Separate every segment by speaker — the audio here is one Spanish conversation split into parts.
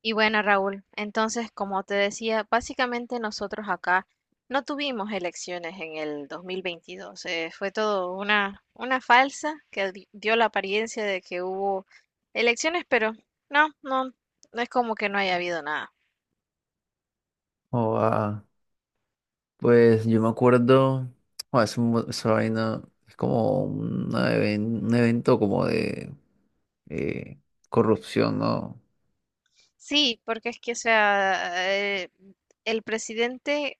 Speaker 1: Y bueno, Raúl, entonces, como te decía, básicamente nosotros acá no tuvimos elecciones en el 2022. Fue todo una falsa que dio la apariencia de que hubo elecciones, pero no, no, no es como que no haya habido nada.
Speaker 2: O ah, pues yo me acuerdo, esa vaina es como un evento como de eh, corrupción, ¿no?
Speaker 1: Sí, porque es que, o sea, eh, el presidente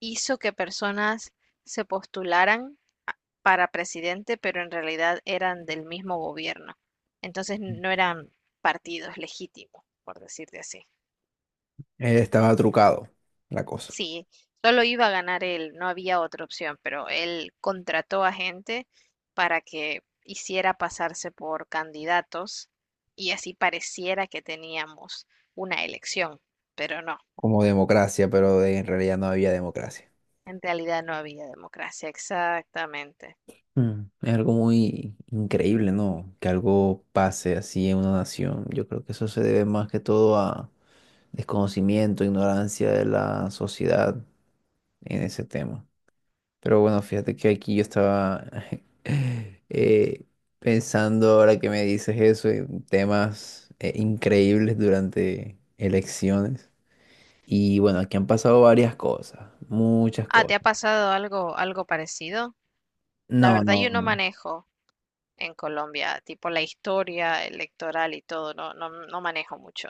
Speaker 1: hizo que personas se postularan a- para presidente, pero en realidad eran del mismo gobierno. Entonces no eran partidos legítimos, por decirte así.
Speaker 2: Estaba trucado la cosa,
Speaker 1: Sí, solo iba a ganar él, no había otra opción, pero él contrató a gente para que hiciera pasarse por candidatos y así pareciera que teníamos una elección, pero no,
Speaker 2: como democracia, pero en realidad no había democracia.
Speaker 1: en realidad no había democracia, exactamente.
Speaker 2: Mm, es algo muy increíble, ¿no? Que algo pase así en una nación. Yo creo que eso se debe más que todo a desconocimiento, ignorancia de la sociedad en ese tema. Pero bueno, fíjate que aquí yo estaba eh, pensando ahora que me dices eso, en temas increíbles durante elecciones. Y bueno, aquí han pasado varias cosas, muchas
Speaker 1: Ah,
Speaker 2: cosas.
Speaker 1: ¿te ha pasado algo parecido? La
Speaker 2: No,
Speaker 1: verdad,
Speaker 2: no,
Speaker 1: yo no
Speaker 2: no.
Speaker 1: manejo en Colombia, tipo la historia electoral y todo, no, no, no manejo mucho.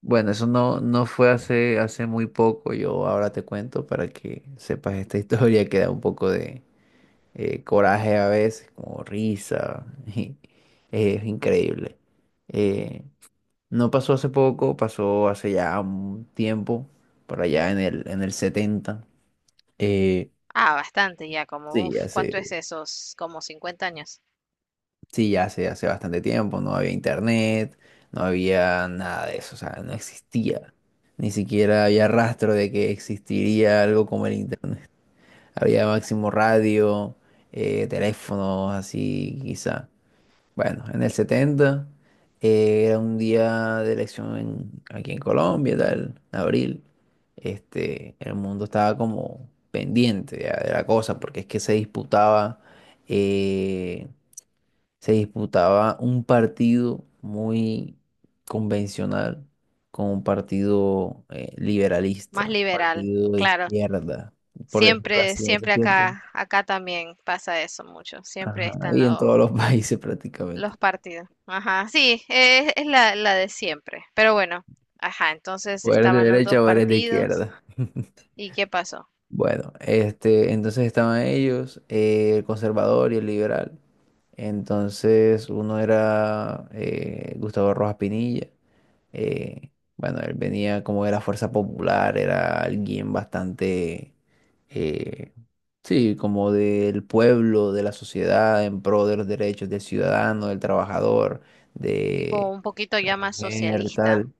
Speaker 2: Bueno, eso no, no fue hace muy poco. Yo ahora te cuento para que sepas esta historia que da un poco de coraje a veces, como risa. Y, es increíble. Eh, No pasó hace poco, pasó hace ya un tiempo, por allá en el 70. Eh,
Speaker 1: Ah, bastante ya, como,
Speaker 2: sí,
Speaker 1: uff,
Speaker 2: hace,
Speaker 1: ¿cuánto es esos? Como 50 años.
Speaker 2: sí, ya hace, hace bastante tiempo, no había internet, no había nada de eso, o sea, no existía. Ni siquiera había rastro de que existiría algo como el internet. Había máximo radio, teléfonos, así quizá. Bueno, en el 70 era un día de aquí en Colombia, tal, en abril. Este, el mundo estaba como pendiente ya de la cosa, porque es que se eh, se disputaba un partido muy convencional con un partido
Speaker 1: Más
Speaker 2: liberalista, un
Speaker 1: liberal,
Speaker 2: partido de
Speaker 1: claro.
Speaker 2: izquierda, por decirlo
Speaker 1: Siempre,
Speaker 2: así, en ese
Speaker 1: siempre
Speaker 2: tiempo.
Speaker 1: acá, acá también pasa eso mucho. Siempre
Speaker 2: Ajá,
Speaker 1: están
Speaker 2: y en
Speaker 1: los,
Speaker 2: todos los países prácticamente.
Speaker 1: los partidos. Ajá, sí, es la de siempre. Pero bueno, ajá, entonces
Speaker 2: O eres de
Speaker 1: estaban los
Speaker 2: derecha
Speaker 1: dos
Speaker 2: o eres de
Speaker 1: partidos.
Speaker 2: izquierda.
Speaker 1: ¿Y qué pasó?
Speaker 2: Bueno, este, entonces estaban ellos, el conservador y el liberal. Entonces uno era Gustavo Rojas Pinilla. Bueno, él venía como de la Fuerza Popular, era alguien bastante, eh, sí, como del pueblo, de la sociedad, en pro de los derechos del ciudadano, del trabajador,
Speaker 1: Tipo
Speaker 2: de
Speaker 1: un poquito
Speaker 2: la
Speaker 1: ya más
Speaker 2: mujer,
Speaker 1: socialista.
Speaker 2: tal.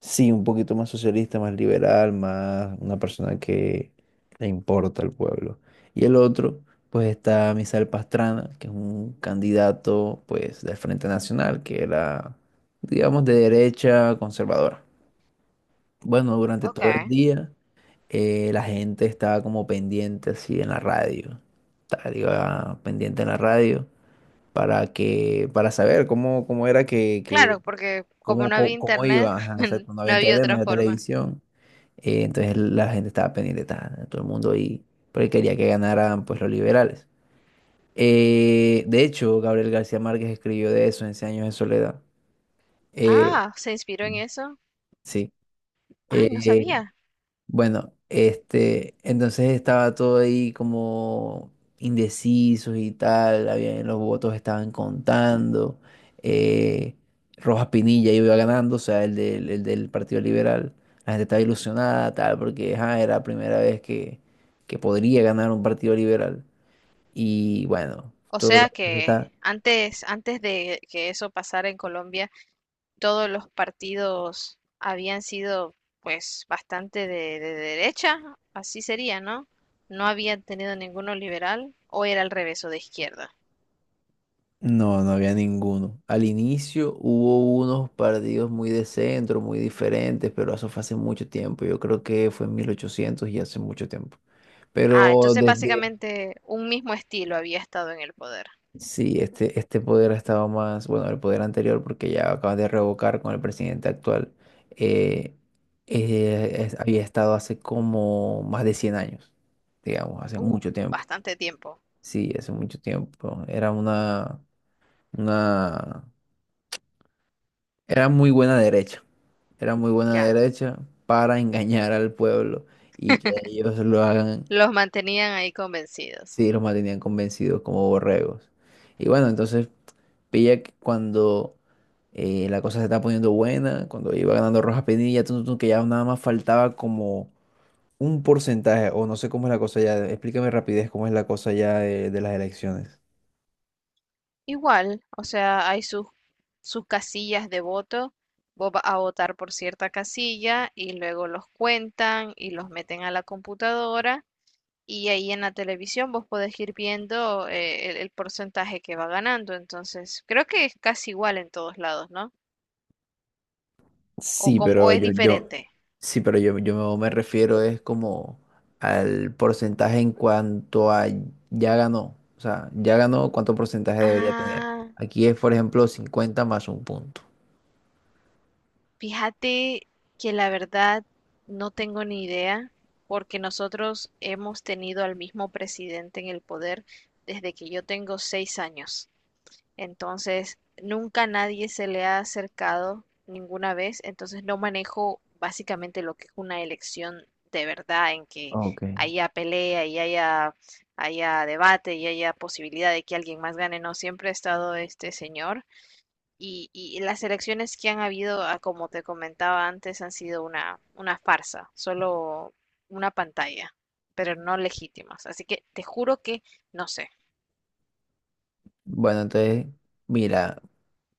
Speaker 2: Sí, un poquito más socialista, más liberal, más una persona que le importa al pueblo. Y el otro, pues está Misael Pastrana, que es un candidato, pues, del Frente Nacional, que era, digamos, de derecha conservadora. Bueno, durante
Speaker 1: Ok,
Speaker 2: todo el día, la gente estaba como pendiente así en la radio. Tal, iba pendiente en la radio para para saber cómo era que
Speaker 1: claro, porque como no había
Speaker 2: cómo
Speaker 1: internet,
Speaker 2: iba, ajá, exacto, no
Speaker 1: no
Speaker 2: había
Speaker 1: había
Speaker 2: internet, no
Speaker 1: otra
Speaker 2: había
Speaker 1: forma.
Speaker 2: televisión, entonces la gente estaba pendiente, ta, todo el mundo ahí, porque quería que ganaran pues los liberales. De hecho, Gabriel García Márquez escribió de eso en Cien años de soledad. Eh,
Speaker 1: Ah, ¿se inspiró en
Speaker 2: sí,
Speaker 1: eso?
Speaker 2: sí.
Speaker 1: Ay, no
Speaker 2: Eh,
Speaker 1: sabía.
Speaker 2: bueno, este, entonces estaba todo ahí como indecisos y tal, los votos estaban contando, eh, Rojas Pinilla iba ganando, o sea, el del Partido Liberal, la gente estaba ilusionada, tal, porque ajá, era la primera vez que podría ganar un Partido Liberal, y bueno,
Speaker 1: O
Speaker 2: todo lo
Speaker 1: sea
Speaker 2: que
Speaker 1: que
Speaker 2: está...
Speaker 1: antes de que eso pasara en Colombia, todos los partidos habían sido pues bastante de derecha, así sería, ¿no? No habían tenido ninguno liberal o era al revés o de izquierda.
Speaker 2: No, no había ninguno. Al inicio hubo unos partidos muy de centro, muy diferentes, pero eso fue hace mucho tiempo. Yo creo que fue en 1800 y hace mucho tiempo.
Speaker 1: Ah,
Speaker 2: Pero
Speaker 1: entonces
Speaker 2: desde,
Speaker 1: básicamente un mismo estilo había estado en el poder.
Speaker 2: sí, este poder ha estado más, bueno, el poder anterior, porque ya acaban de revocar con el presidente actual, eh, había estado hace como más de 100 años, digamos, hace
Speaker 1: Uh,
Speaker 2: mucho tiempo.
Speaker 1: Bastante tiempo,
Speaker 2: Sí, hace mucho tiempo. Era una era muy buena derecha, era muy buena
Speaker 1: ya.
Speaker 2: derecha para engañar al pueblo y que ellos lo hagan,
Speaker 1: Los mantenían ahí convencidos.
Speaker 2: sí, los mantenían convencidos como borregos. Y bueno, entonces pilla que cuando la cosa se está poniendo buena, cuando iba ganando Rojas Pinilla, tun, tun, que ya nada más faltaba como un porcentaje, o no sé cómo es la cosa ya, explícame rapidez cómo es la cosa ya de las elecciones.
Speaker 1: Igual, o sea, hay sus casillas de voto. Vos vas a votar por cierta casilla y luego los cuentan y los meten a la computadora y ahí en la televisión vos podés ir viendo el porcentaje que va ganando. Entonces, creo que es casi igual en todos lados, ¿no? O,
Speaker 2: Sí,
Speaker 1: com- o es diferente.
Speaker 2: sí, pero yo me refiero es como al porcentaje en cuanto a ya ganó. O sea, ya ganó, ¿cuánto porcentaje debería tener?
Speaker 1: Ah,
Speaker 2: Aquí es, por ejemplo, 50 más un punto.
Speaker 1: fíjate que la verdad no tengo ni idea, porque nosotros hemos tenido al mismo presidente en el poder desde que yo tengo 6 años. Entonces, nunca nadie se le ha acercado ninguna vez. Entonces, no manejo básicamente lo que es una elección de verdad, en que
Speaker 2: Ok.
Speaker 1: haya pelea y haya debate y haya posibilidad de que alguien más gane. No, siempre ha estado este señor. Y las elecciones que han habido, como te comentaba antes, han sido una farsa, solo una pantalla, pero no legítimas. Así que te juro que no sé.
Speaker 2: Bueno, entonces, mira,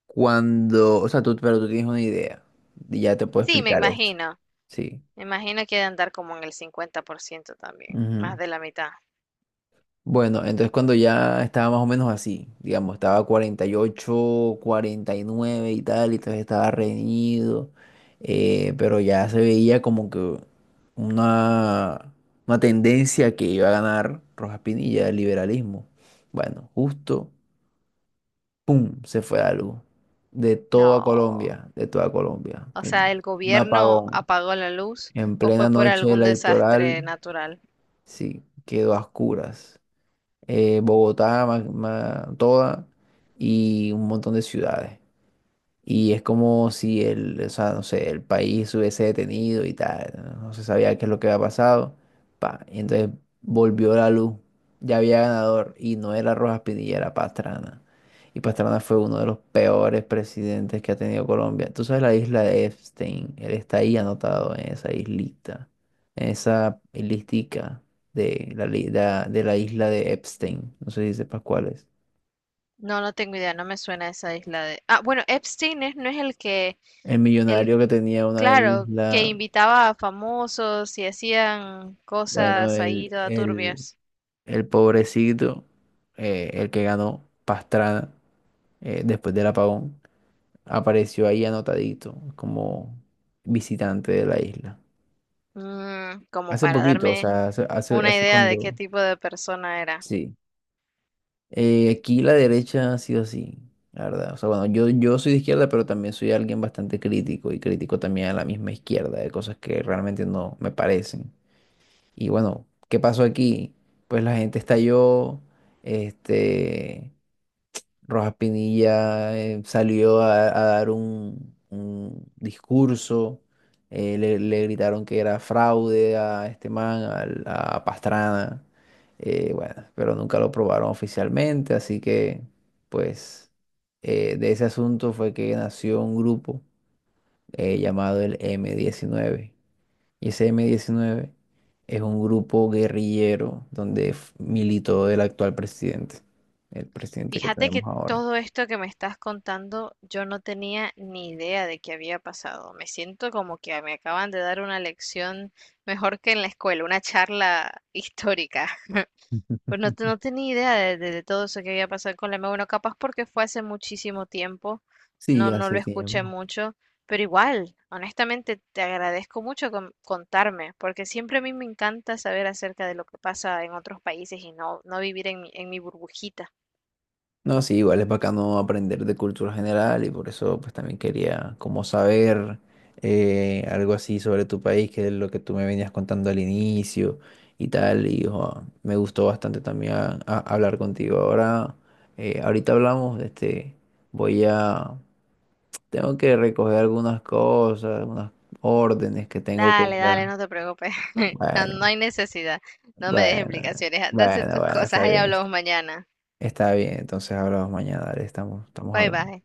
Speaker 2: cuando, o sea, tú, pero tú tienes una idea. Y ya te puedo
Speaker 1: Sí, me
Speaker 2: explicar esto.
Speaker 1: imagino.
Speaker 2: Sí.
Speaker 1: Me imagino que ha de andar como en el 50% también, más
Speaker 2: Ujú.
Speaker 1: de la mitad.
Speaker 2: Bueno, entonces cuando ya estaba más o menos así, digamos, estaba 48, 49 y tal, y entonces estaba reñido, pero ya se veía como que una, una tendencia que iba a ganar Rojas Pinilla, el liberalismo. Bueno, justo, ¡pum!, se fue algo.
Speaker 1: No.
Speaker 2: De toda Colombia,
Speaker 1: O
Speaker 2: ¡pum!
Speaker 1: sea, ¿el
Speaker 2: Un
Speaker 1: gobierno
Speaker 2: apagón.
Speaker 1: apagó la luz
Speaker 2: En
Speaker 1: o
Speaker 2: plena
Speaker 1: fue por
Speaker 2: noche
Speaker 1: algún desastre
Speaker 2: electoral,
Speaker 1: natural?
Speaker 2: sí, quedó a oscuras Bogotá, toda y un montón de ciudades. Y es como si el, o sea, no sé, el país hubiese detenido y tal, no. No se sabía qué es lo que había pasado. Pa, y entonces volvió la luz, ya había ganador y no era Rojas Pinilla, era Pastrana. Y Pastrana fue uno de los peores presidentes que ha tenido Colombia. Tú sabes la isla de Epstein, él está ahí anotado en esa islita, en esa listica de de la isla de Epstein, no sé si sepas cuál es.
Speaker 1: No, no tengo idea, no me suena esa isla de. Ah, bueno, Epstein no es el que
Speaker 2: El
Speaker 1: el.
Speaker 2: millonario que tenía una
Speaker 1: Claro, que
Speaker 2: isla.
Speaker 1: invitaba a famosos y hacían
Speaker 2: Bueno,
Speaker 1: cosas ahí toda turbias.
Speaker 2: el pobrecito, el que ganó Pastrana después del apagón, apareció ahí anotadito como visitante de la isla.
Speaker 1: Como
Speaker 2: Hace
Speaker 1: para
Speaker 2: poquito, o
Speaker 1: darme
Speaker 2: sea,
Speaker 1: una
Speaker 2: hace
Speaker 1: idea de qué
Speaker 2: cuando...
Speaker 1: tipo de persona era.
Speaker 2: Sí. Aquí la derecha ha sido así, la verdad. O sea, bueno, yo soy de izquierda, pero también soy alguien bastante crítico y crítico también a la misma izquierda, de cosas que realmente no me parecen. Y bueno, ¿qué pasó aquí? Pues la gente estalló, este, Rojas Pinilla salió a dar un discurso, le gritaron que era fraude a este man, Pastrana, bueno, pero nunca lo probaron oficialmente, así que pues de ese asunto fue que nació un grupo llamado el M19 y ese M-19 es un grupo guerrillero donde militó el actual presidente, el presidente que
Speaker 1: Fíjate
Speaker 2: tenemos
Speaker 1: que
Speaker 2: ahora.
Speaker 1: todo esto que me estás contando, yo no tenía ni idea de qué había pasado. Me siento como que me acaban de dar una lección mejor que en la escuela, una charla histórica. Pues no, no tenía idea de todo eso que había pasado con la M1, capaz porque fue hace muchísimo tiempo,
Speaker 2: Sí,
Speaker 1: no, no
Speaker 2: hace
Speaker 1: lo escuché
Speaker 2: tiempo.
Speaker 1: mucho, pero igual, honestamente, te agradezco mucho contarme, porque siempre a mí me encanta saber acerca de lo que pasa en otros países y no, no vivir en en mi burbujita.
Speaker 2: No, sí, igual es bacano aprender de cultura general y por eso pues también quería como saber algo así sobre tu país, que es lo que tú me venías contando al inicio y tal, y jo, me gustó bastante también hablar contigo. Ahora, ahorita hablamos, este, voy a, tengo que recoger algunas cosas, unas órdenes que tengo que
Speaker 1: Dale,
Speaker 2: ir
Speaker 1: dale,
Speaker 2: a...
Speaker 1: no te preocupes, no, no
Speaker 2: Bueno,
Speaker 1: hay necesidad, no me des
Speaker 2: bueno,
Speaker 1: explicaciones, anda a hacer tus
Speaker 2: bueno,
Speaker 1: cosas,
Speaker 2: está
Speaker 1: ahí
Speaker 2: bien.
Speaker 1: hablamos mañana.
Speaker 2: Está bien, entonces hablamos mañana, dale, estamos
Speaker 1: Bye
Speaker 2: hablando.
Speaker 1: bye.